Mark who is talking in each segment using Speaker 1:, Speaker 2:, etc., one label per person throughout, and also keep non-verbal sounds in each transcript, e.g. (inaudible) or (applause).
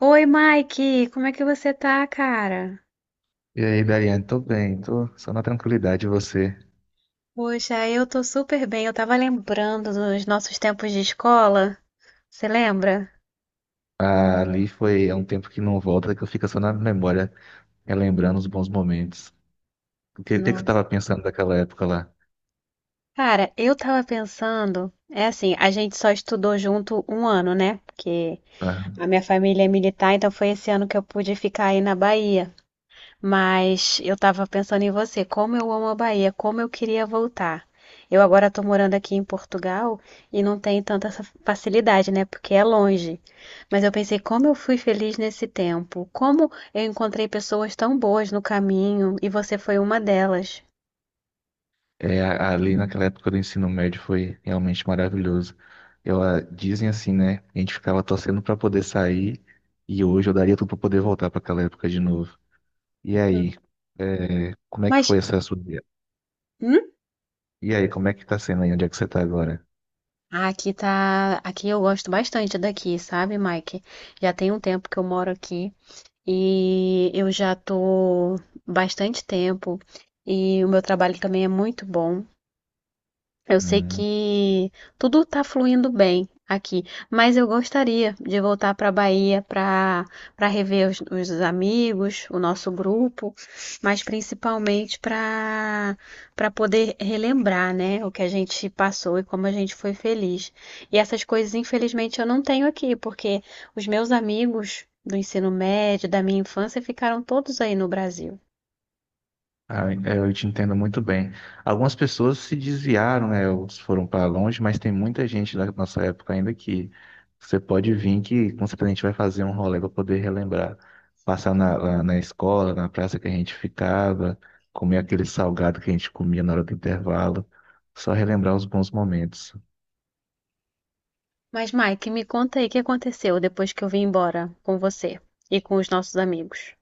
Speaker 1: Oi, Mike, como é que você tá, cara?
Speaker 2: E aí, Dariane, tô bem, tô só na tranquilidade, e você?
Speaker 1: Poxa, eu tô super bem. Eu tava lembrando dos nossos tempos de escola. Você lembra?
Speaker 2: Ali foi há um tempo que não volta, que eu fico só na memória, relembrando os bons momentos. O que que você
Speaker 1: Nossa.
Speaker 2: estava pensando daquela época lá?
Speaker 1: Cara, eu tava pensando, é assim, a gente só estudou junto um ano, né? Porque
Speaker 2: Ah,
Speaker 1: a minha família é militar, então foi esse ano que eu pude ficar aí na Bahia. Mas eu estava pensando em você, como eu amo a Bahia, como eu queria voltar. Eu agora estou morando aqui em Portugal e não tenho tanta essa facilidade, né? Porque é longe. Mas eu pensei, como eu fui feliz nesse tempo, como eu encontrei pessoas tão boas no caminho e você foi uma delas.
Speaker 2: é, ali naquela época do ensino médio foi realmente maravilhoso. Eu, dizem assim, né? A gente ficava torcendo para poder sair e hoje eu daria tudo para poder voltar para aquela época de novo. E aí, é, como é que
Speaker 1: Mas,
Speaker 2: foi essa sua...
Speaker 1: hum?
Speaker 2: E aí, como é que tá sendo aí? Onde é que você tá agora?
Speaker 1: Ah, aqui tá, aqui eu gosto bastante daqui, sabe, Mike? Já tem um tempo que eu moro aqui. E eu já tô bastante tempo e o meu trabalho também é muito bom. Eu sei
Speaker 2: Hum.
Speaker 1: que tudo está fluindo bem aqui, mas eu gostaria de voltar para a Bahia para rever os amigos, o nosso grupo, mas principalmente para poder relembrar, né, o que a gente passou e como a gente foi feliz. E essas coisas, infelizmente, eu não tenho aqui, porque os meus amigos do ensino médio, da minha infância, ficaram todos aí no Brasil.
Speaker 2: Ah, é, eu te entendo muito bem. Algumas pessoas se desviaram, né? Ou foram para longe, mas tem muita gente da nossa época ainda que você pode vir que com certeza a gente vai fazer um rolê para poder relembrar. Passar lá na escola, na praça que a gente ficava, comer aquele salgado que a gente comia na hora do intervalo. Só relembrar os bons momentos.
Speaker 1: Mas, Mike, me conta aí o que aconteceu depois que eu vim embora com você e com os nossos amigos.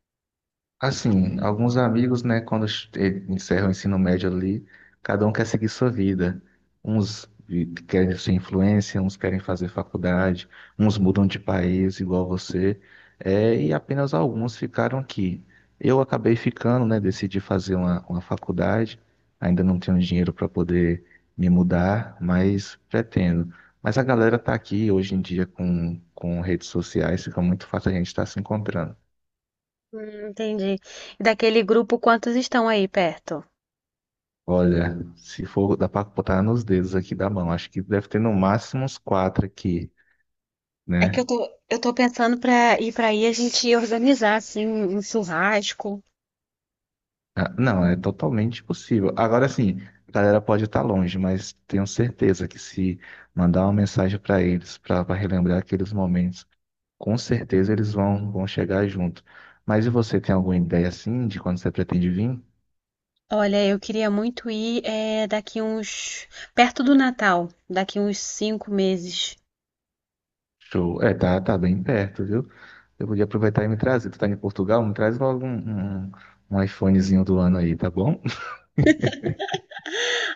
Speaker 2: Assim, alguns amigos, né, quando encerram o ensino médio ali, cada um quer seguir sua vida. Uns querem ser influência, uns querem fazer faculdade, uns mudam de país, igual você. É, e apenas alguns ficaram aqui. Eu acabei ficando, né, decidi fazer uma faculdade. Ainda não tenho dinheiro para poder me mudar, mas pretendo. Mas a galera está aqui hoje em dia com redes sociais, fica muito fácil a gente estar se encontrando.
Speaker 1: Entendi. E daquele grupo, quantos estão aí perto?
Speaker 2: Olha, se for, dá pra botar nos dedos aqui da mão. Acho que deve ter no máximo uns quatro aqui,
Speaker 1: É que
Speaker 2: né?
Speaker 1: eu tô pensando pra ir pra aí a gente organizar, assim, um churrasco.
Speaker 2: Ah, não, é totalmente possível. Agora sim, a galera pode estar longe, mas tenho certeza que se mandar uma mensagem para eles, para relembrar aqueles momentos, com certeza eles vão chegar junto. Mas e você tem alguma ideia assim de quando você pretende vir?
Speaker 1: Olha, eu queria muito ir é, daqui uns, perto do Natal, daqui uns 5 meses.
Speaker 2: Show. É, tá, tá bem perto, viu? Eu podia aproveitar e me trazer. Tu tá em Portugal? Me traz logo um iPhonezinho do ano aí, tá bom?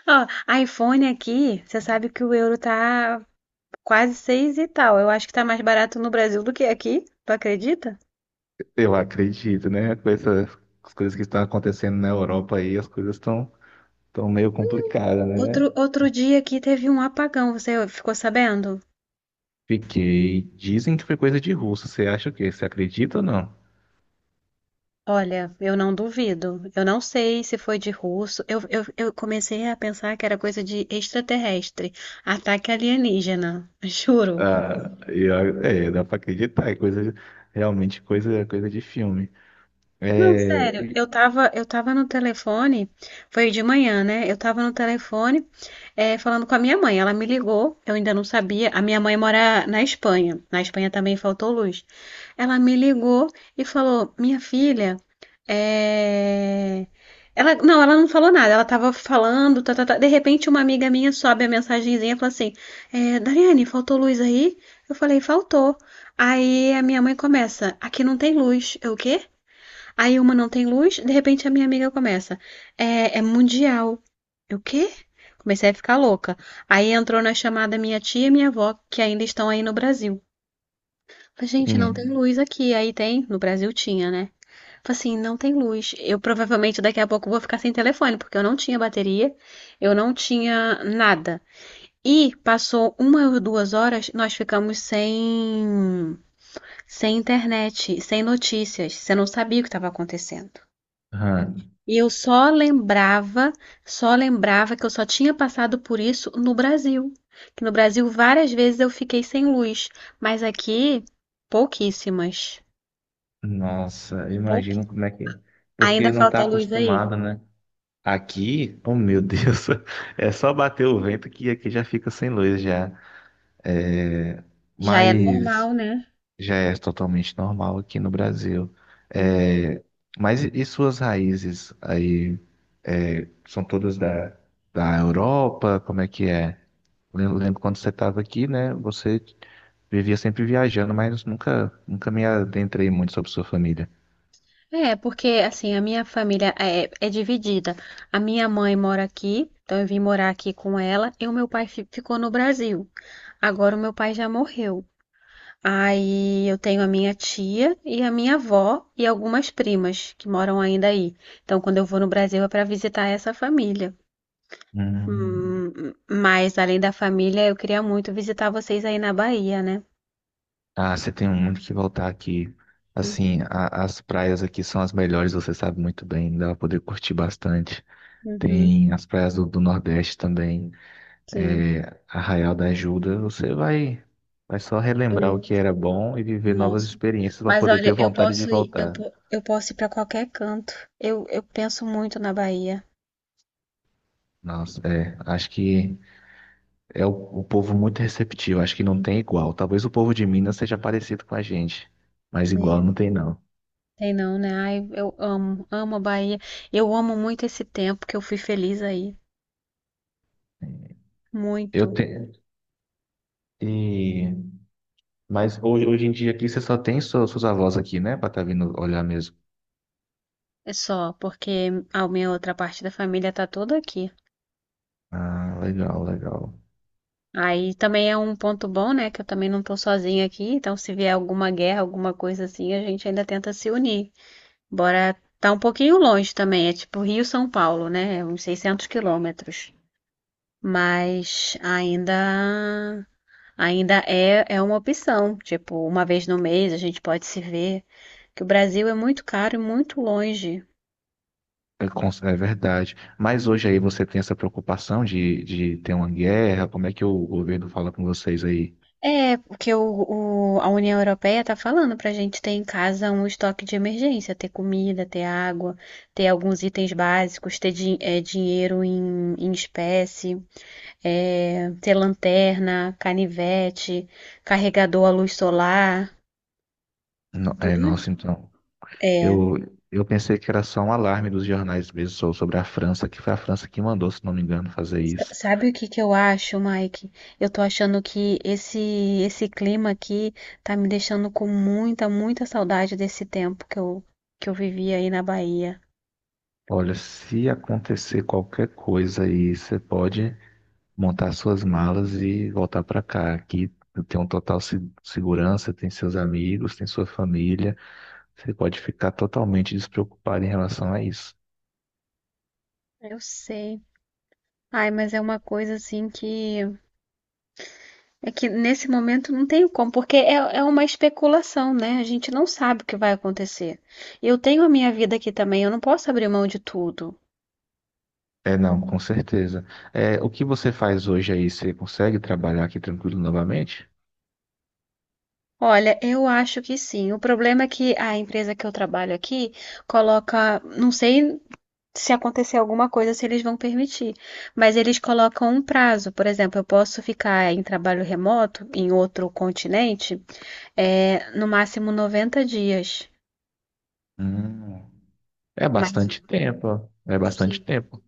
Speaker 1: Ó, iPhone aqui, você sabe que o euro tá quase seis e tal. Eu acho que tá mais barato no Brasil do que aqui, tu acredita?
Speaker 2: Eu acredito, né? Com essas as coisas que estão acontecendo na Europa aí, as coisas estão meio complicadas, né?
Speaker 1: Outro dia aqui teve um apagão, você ficou sabendo?
Speaker 2: Fiquei. Dizem que foi coisa de russo. Você acha o quê? Você acredita ou não?
Speaker 1: Olha, eu não duvido. Eu não sei se foi de russo. Eu comecei a pensar que era coisa de extraterrestre, ataque alienígena. (laughs) Juro.
Speaker 2: Ah, é, dá pra acreditar. É coisa, realmente coisa de filme.
Speaker 1: Não,
Speaker 2: É,
Speaker 1: sério,
Speaker 2: e-
Speaker 1: eu tava no telefone, foi de manhã, né? Eu tava no telefone, falando com a minha mãe. Ela me ligou, eu ainda não sabia. A minha mãe mora na Espanha. Na Espanha também faltou luz. Ela me ligou e falou: Minha filha, é... ela não falou nada. Ela tava falando, tá, tá, tá. De repente, uma amiga minha sobe a mensagenzinha e fala assim: é, Dariane, faltou luz aí? Eu falei: Faltou. Aí a minha mãe começa: Aqui não tem luz. Eu, o quê? Aí uma não tem luz, de repente a minha amiga começa. É, é mundial. Eu, o quê? Comecei a ficar louca. Aí entrou na chamada minha tia e minha avó, que ainda estão aí no Brasil. Falei, gente, não tem
Speaker 2: sim.
Speaker 1: luz aqui. Aí tem, no Brasil tinha, né? Falei assim, não tem luz. Eu provavelmente daqui a pouco vou ficar sem telefone, porque eu não tinha bateria, eu não tinha nada. E passou uma ou duas horas, nós ficamos sem internet, sem notícias. Você não sabia o que estava acontecendo.
Speaker 2: Aham.
Speaker 1: E eu só lembrava que eu só tinha passado por isso no Brasil. Que no Brasil várias vezes eu fiquei sem luz, mas aqui pouquíssimas.
Speaker 2: Nossa,
Speaker 1: Pouqui...
Speaker 2: imagino como é que é. Porque
Speaker 1: Ainda
Speaker 2: não tá
Speaker 1: falta luz aí.
Speaker 2: acostumado, né? Aqui, oh meu Deus, (laughs) é só bater o vento que aqui já fica sem luz já. É,
Speaker 1: Já é normal,
Speaker 2: mas.
Speaker 1: né?
Speaker 2: Já é totalmente normal aqui no Brasil.
Speaker 1: Hum.
Speaker 2: É, mas e suas raízes aí é, são todas da, da Europa? Como é que é? Lembro, lembro quando você estava aqui, né? Você vivia sempre viajando, mas nunca, nunca me adentrei muito sobre sua família.
Speaker 1: É, porque assim, a minha família é, é dividida. A minha mãe mora aqui, então eu vim morar aqui com ela, e o meu pai ficou no Brasil. Agora o meu pai já morreu. Aí eu tenho a minha tia e a minha avó e algumas primas que moram ainda aí. Então, quando eu vou no Brasil é para visitar essa família.
Speaker 2: Hum.
Speaker 1: Hum, Mas além da família, eu queria muito visitar vocês aí na Bahia, né?
Speaker 2: Ah, você tem muito que voltar aqui. Assim,
Speaker 1: Uhum,
Speaker 2: as praias aqui são as melhores, você sabe muito bem, dá pra poder curtir bastante.
Speaker 1: uhum,
Speaker 2: Tem as praias do, do Nordeste também.
Speaker 1: sim.
Speaker 2: É, Arraial da Ajuda, você vai só relembrar o
Speaker 1: Eu,
Speaker 2: que era bom e viver novas
Speaker 1: nossa.
Speaker 2: experiências para
Speaker 1: Mas
Speaker 2: poder ter
Speaker 1: olha, eu
Speaker 2: vontade de
Speaker 1: posso ir,
Speaker 2: voltar.
Speaker 1: eu posso ir para qualquer canto. Eu penso muito na Bahia,
Speaker 2: Nossa, é, acho que é o povo muito receptivo, acho que não tem igual. Talvez o povo de Minas seja parecido com a gente, mas igual
Speaker 1: né?
Speaker 2: não tem não.
Speaker 1: Tem não, né? Ai, amo a Bahia. Eu amo muito esse tempo que eu fui feliz aí.
Speaker 2: Eu
Speaker 1: Muito.
Speaker 2: tenho, e, mas hoje em dia aqui você só tem suas avós aqui, né, para estar vindo olhar mesmo.
Speaker 1: É só, porque a minha outra parte da família tá toda aqui.
Speaker 2: Ah, legal, legal.
Speaker 1: Aí também é um ponto bom, né? Que eu também não tô sozinha aqui, então se vier alguma guerra, alguma coisa assim, a gente ainda tenta se unir. Bora tá um pouquinho longe também, é tipo Rio-São Paulo, né? É uns 600 quilômetros. Mas ainda é, é uma opção. Tipo, uma vez no mês a gente pode se ver. Que o Brasil é muito caro e muito longe.
Speaker 2: É, é verdade. Mas hoje aí você tem essa preocupação de ter uma guerra? Como é que o governo fala com vocês aí?
Speaker 1: É, porque a União Europeia tá falando para a gente ter em casa um estoque de emergência, ter comida, ter água, ter alguns itens básicos, ter dinheiro em, em espécie, ter lanterna, canivete, carregador à luz solar,
Speaker 2: É,
Speaker 1: tudo.
Speaker 2: nossa, então.
Speaker 1: É,
Speaker 2: Eu, eu pensei que era só um alarme dos jornais mesmo sobre a França, que foi a França que mandou, se não me engano, fazer isso.
Speaker 1: sabe o que que eu acho, Mike? Eu tô achando que esse clima aqui tá me deixando com muita, muita saudade desse tempo que que eu vivi aí na Bahia.
Speaker 2: Olha, se acontecer qualquer coisa aí, você pode montar suas malas e voltar para cá. Aqui tem um total segurança, tem seus amigos, tem sua família. Você pode ficar totalmente despreocupado em relação a isso.
Speaker 1: Eu sei. Ai, mas é uma coisa assim que é que nesse momento não tenho como, porque é, é uma especulação, né? A gente não sabe o que vai acontecer. Eu tenho a minha vida aqui também, eu não posso abrir mão de tudo.
Speaker 2: É, não, com certeza. É, o que você faz hoje aí, você consegue trabalhar aqui tranquilo novamente?
Speaker 1: Olha, eu acho que sim. O problema é que a empresa que eu trabalho aqui coloca, não sei se acontecer alguma coisa, se eles vão permitir, mas eles colocam um prazo. Por exemplo, eu posso ficar em trabalho remoto em outro continente, é, no máximo 90 dias.
Speaker 2: Hum, é
Speaker 1: Mas
Speaker 2: bastante tempo, é bastante tempo.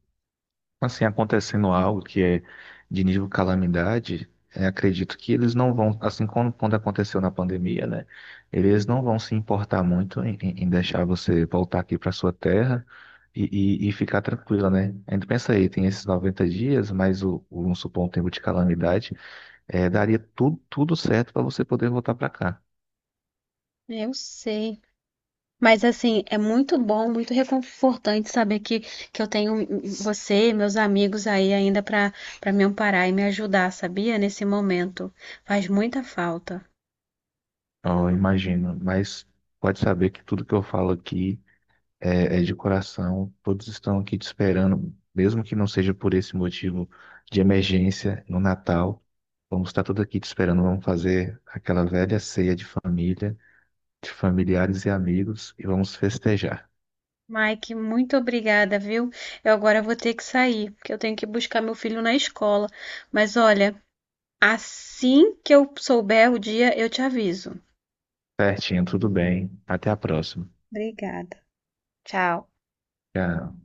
Speaker 2: Assim, acontecendo algo que é de nível calamidade, é, acredito que eles não vão, assim como quando aconteceu na pandemia, né? Eles não vão se importar muito em, em deixar você voltar aqui para sua terra e, e ficar tranquila, né? Ainda pensa aí, tem esses 90 dias, mais vamos supor, um tempo de calamidade. É, daria tudo, tudo certo para você poder voltar para cá.
Speaker 1: eu sei. Mas assim, é muito bom, muito reconfortante saber que eu tenho você, e meus amigos aí ainda para me amparar e me ajudar, sabia? Nesse momento. Faz muita falta.
Speaker 2: Eu imagino, mas pode saber que tudo que eu falo aqui é, é de coração. Todos estão aqui te esperando, mesmo que não seja por esse motivo de emergência no Natal. Vamos estar todos aqui te esperando. Vamos fazer aquela velha ceia de família, de familiares e amigos e vamos festejar.
Speaker 1: Mike, muito obrigada, viu? Eu agora vou ter que sair, porque eu tenho que buscar meu filho na escola. Mas olha, assim que eu souber o dia, eu te aviso.
Speaker 2: Certinho, tudo bem. Até a próxima.
Speaker 1: Obrigada. Tchau.
Speaker 2: Tchau.